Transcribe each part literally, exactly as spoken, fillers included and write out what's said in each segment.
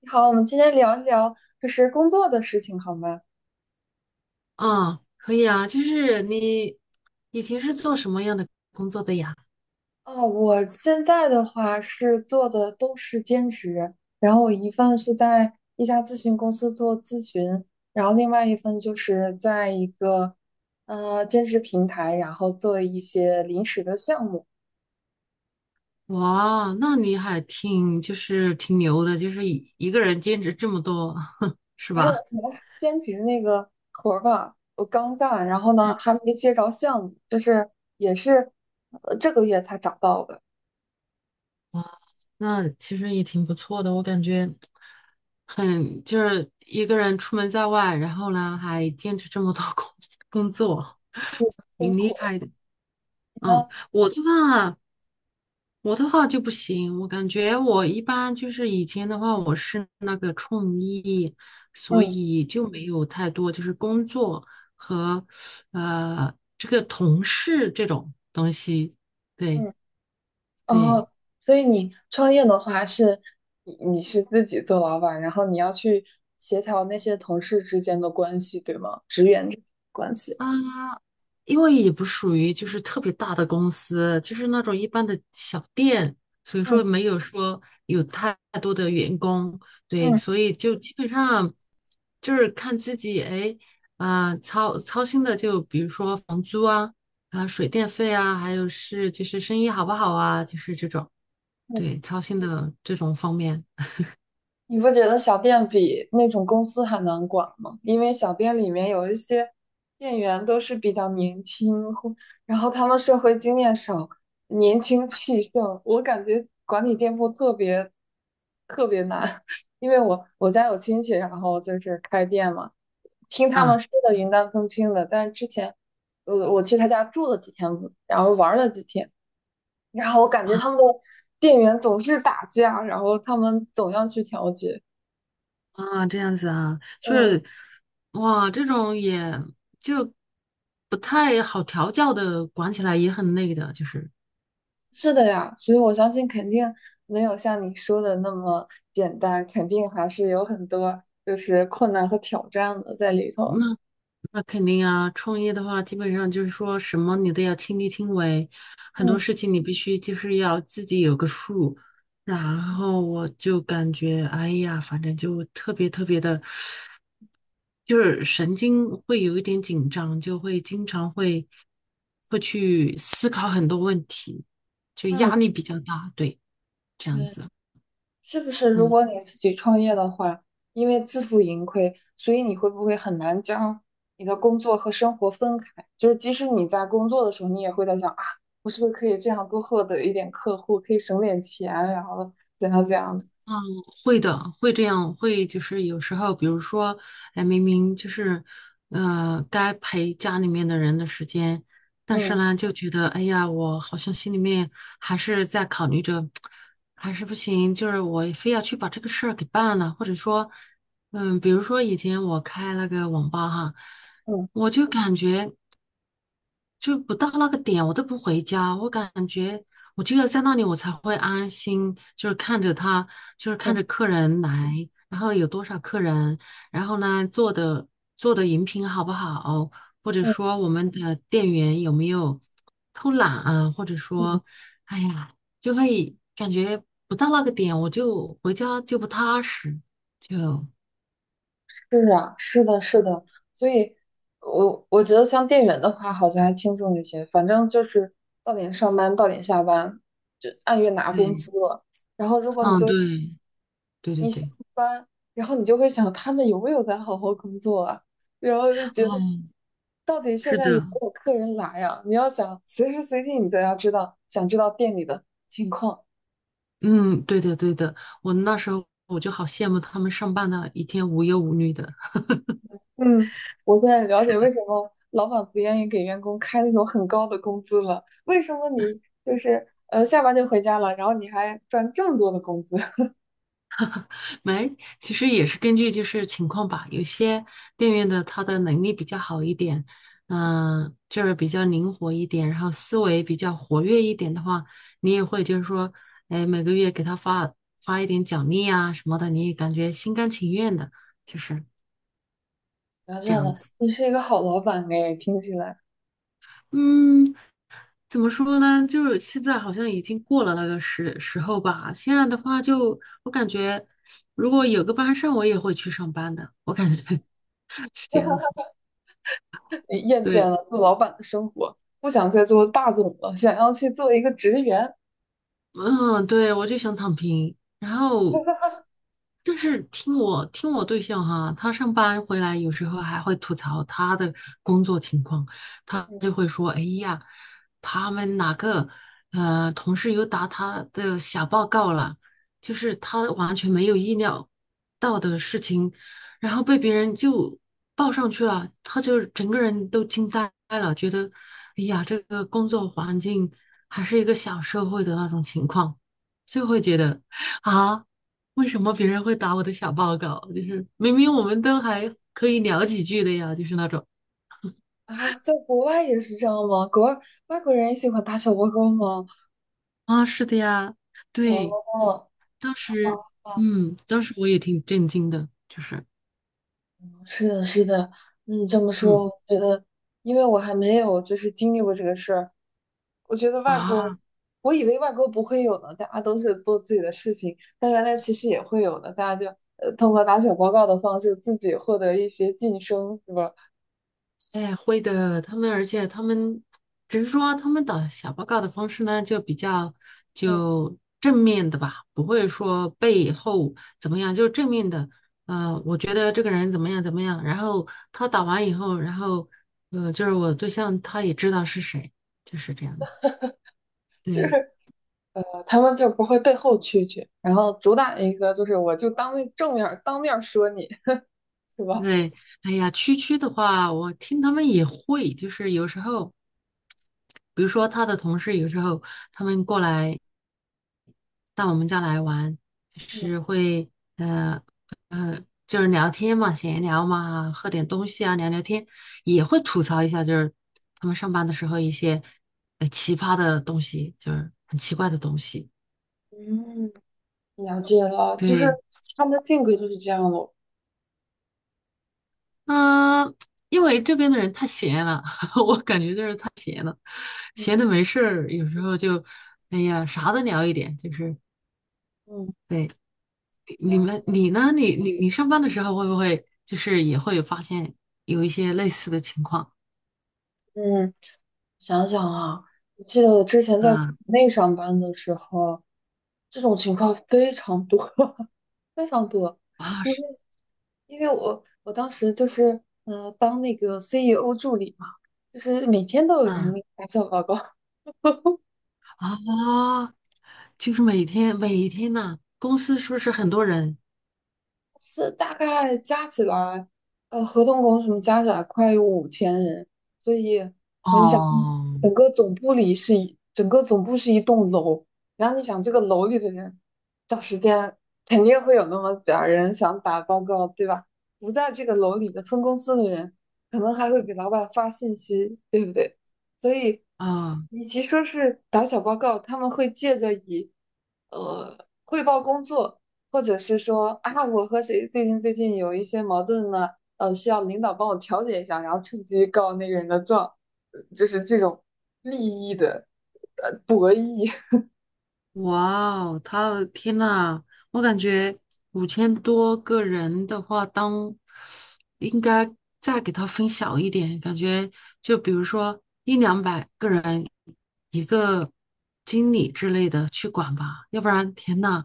你好，我们今天聊一聊就是工作的事情，好吗？啊，可以啊，就是你以前是做什么样的工作的呀？哦，我现在的话是做的都是兼职，然后我一份是在一家咨询公司做咨询，然后另外一份就是在一个呃兼职平台，然后做一些临时的项目。哇，那你还挺就是挺牛的，就是一一个人兼职这么多，是没有吧？什么兼职那个活儿吧，我刚干，然后嗯，呢还没接着项目，就是也是呃这个月才找到的。那其实也挺不错的，我感觉很就是一个人出门在外，然后呢还兼职这么多工工作，辛挺厉苦害的。那嗯，我的话，我的话就不行，我感觉我一般就是以前的话，我是那个创意，所嗯以就没有太多就是工作和呃这个同事这种东西。对嗯。对，哦，所以你创业的话是，你你是自己做老板，然后你要去协调那些同事之间的关系，对吗？因为也不属于就是特别大的公司，就是那种一般的小店，所以嗯说没有说有太多的员工，对，嗯，所以就基本上就是看自己，哎，啊、操操心的就比如说房租啊，啊、水电费啊，还有是就是生意好不好啊，就是这种，嗯。对，操心的这种方面，你不觉得小店比那种公司还难管吗？因为小店里面有一些店员都是比较年轻，或然后他们社会经验少，年轻气盛，我感觉管理店铺特别特别难。因为我我家有亲戚，然后就是开店嘛。听他们啊。说的云淡风轻的，但是之前我我去他家住了几天，然后玩了几天，然后我感觉他们的店员总是打架，然后他们总要去调解。啊，这样子啊，就嗯，是哇，这种也就不太好调教的，管起来也很累的，就是是的呀，所以我相信肯定没有像你说的那么简单，肯定还是有很多就是困难和挑战的在里那头。那肯定啊，创业的话，基本上就是说什么你都要亲力亲为，很多嗯事情你必须就是要自己有个数。然后我就感觉，哎呀，反正就特别特别的，就是神经会有一点紧张，就会经常会会去思考很多问题，就嗯，压力比较大，对，这样嗯。子。是不是如嗯。果你自己创业的话，因为自负盈亏，所以你会不会很难将你的工作和生活分开？就是即使你在工作的时候，你也会在想啊，我是不是可以这样多获得一点客户，可以省点钱，然后怎样怎样的。嗯，会的，会这样，会就是有时候，比如说，哎，明明就是，呃，该陪家里面的人的时间，但是嗯呢，就觉得，哎呀，我好像心里面还是在考虑着，还是不行，就是我非要去把这个事儿给办了，或者说，嗯，比如说以前我开那个网吧哈，嗯我就感觉。就不到那个点，我都不回家。我感觉我就要在那里，我才会安心，就是看着他，就是看嗯着客人来，然后有多少客人，然后呢做的做的饮品好不好，或者嗯说我们的店员有没有偷懒啊，或者嗯，嗯。说，哎呀，就会感觉不到那个点，我就回家就不踏实，就是啊，是的，是对，的。所以我我觉得像店员的话，好像还轻松一些，反正就是到点上班，到点下班，就按月拿工对，资了。然后，如果你嗯，就对，对对一下对，班，然后你就会想他们有没有在好好工作啊？然后就觉得嗯，到底现是在有没的。有客人来呀、你要想随时随地你都要知道，想知道店里的情况。嗯，对的，对的，我那时候我就好羡慕他们上班的一天无忧无虑的。嗯，我现在了解为什么老板不愿意给员工开那种很高的工资了，为什么你就是呃下班就回家了，然后你还赚这么多的工资。没，其实也是根据就是情况吧，有些店员的他的能力比较好一点，嗯、就是比较灵活一点，然后思维比较活跃一点的话，你也会就是说，哎，每个月给他发发一点奖励啊什么的，你也感觉心甘情愿的，就是然后这这样样的，子。你是一个好老板哎，听起来。嗯。怎么说呢？就是现在好像已经过了那个时时候吧。现在的话就，我感觉如果有个班上，我也会去上班的。我感觉 是这样子。你厌倦对，了做老板的生活，不想再做霸总了，想要去做一个职员。嗯，对，我就想躺平。然后，但是听我听我对象哈，他上班回来有时候还会吐槽他的工作情况，他就会说：“哎呀，他们哪个呃同事又打他的小报告了，就是他完全没有意料到的事情，然后被别人就报上去了，他就整个人都惊呆了，觉得哎呀，这个工作环境。”还是一个小社会的那种情况，就会觉得啊，为什么别人会打我的小报告？就是明明我们都还可以聊几句的呀，就是那种啊？在国外也是这样吗？国外外国人也喜欢打小报告吗？啊，是的呀，哦对，哦当时，哦，嗯，当时我也挺震惊的，就是，是的，是的。那你这么说，嗯我觉得，因为我还没有就是经历过这个事儿，我觉得外国，啊。我以为外国不会有呢，大家都是做自己的事情，但原来其实也会有的，大家就呃通过打小报告的方式自己获得一些晋升，是吧？哎，会的，他们，而且他们只是说他们打小报告的方式呢，就比较嗯，就正面的吧，不会说背后怎么样，就正面的。呃，我觉得这个人怎么样怎么样，然后他打完以后，然后呃，就是我对象他也知道是谁，就是这样子。就对是。他们就不会背后蛐蛐，然后主打一个就是我就当面正面当面说你，是吧？对，哎呀，区区的话，我听他们也会，就是有时候。比如说他的同事有时候他们过来，到我们家来玩，就嗯是会呃呃，就是聊天嘛，闲聊嘛，喝点东西啊，聊聊天，也会吐槽一下，就是他们上班的时候一些呃奇葩的东西，就是很奇怪的东西。嗯，了解了，就是对，他们的性格就是这样咯。嗯、因为这边的人太闲了，我感觉就是太闲了，闲的没事儿，有时候就哎呀啥都聊一点，就是嗯，对。你了解。们你呢？你你你上班的时候会不会就是也会发现有一些类似的情况嗯，想想啊，我记得我之前在国啊内上班的时候，这种情况非常多，非常多，啊因为是因为我我当时就是嗯当那个 C E O 助理嘛，就是每天都有啊人来做报告，啊，就是每天每天呢，公司是不是很多人？是大概加起来，呃，合同工什么加起来快有五千人，所以你想，哦整个总部里是一，整个总部是一栋楼，然后你想这个楼里的人，找时间肯定会有那么点儿人想打报告，对吧？不在这个楼里的分公司的人，可能还会给老板发信息，对不对？所以，哦，啊与其说是打小报告，他们会借着以呃汇报工作。或者是说啊，我和谁最近最近有一些矛盾呢？呃，需要领导帮我调解一下，然后趁机告那个人的状，呃就是这种利益的呃博弈。哇哦，他的天呐，我感觉五千多个人的话，当应该再给他分小一点，感觉就比如说一两百个人一个经理之类的去管吧，要不然天呐，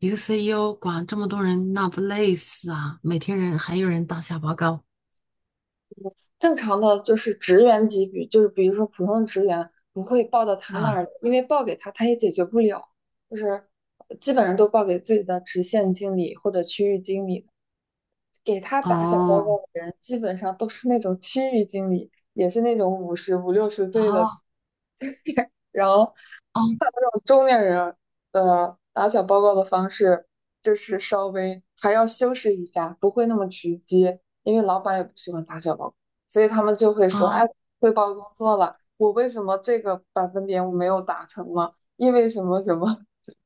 一个 C E O 管这么多人，那不累死啊！每天人还有人打小报告正常的就是职员级别，就是比如说普通职员不会报到他那啊，儿，因为报给他他也解决不了，就是基本上都报给自己的直线经理或者区域经理，给他打小报哦，告的人基本上都是那种区域经理，也是那种五十五六十岁哦的，然后。哦中年人的打小报告的方式，就是稍微还要修饰一下，不会那么直接，因为老板也不喜欢打小报告，所以他们就会说，哎，哦汇报工作了，我为什么这个百分点我没有达成吗？因为什么什么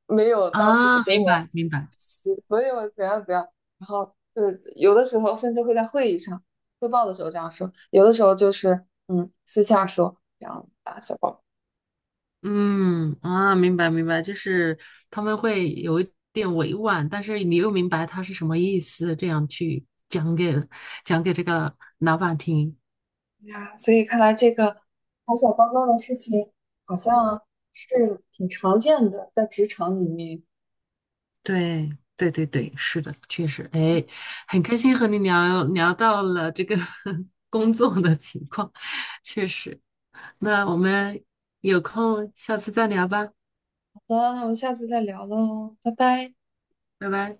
没有当时啊，给明我白明白。所以我怎样怎样，然后就是有的时候甚至会在会议上汇报的时候这样说，有的时候就是嗯私下说这样打小报告。嗯啊，明白明白，就是他们会有一点委婉，但是你又明白他是什么意思，这样去讲给讲给这个老板听。呀，所以看来这个打小报告的事情好像是挺常见的，在职场里面。对对对对，是的，确实，哎，很开心和你聊聊到了这个 工作的情况，确实。那我们有空下次再聊吧，好的，那我们下次再聊喽，拜拜。拜拜。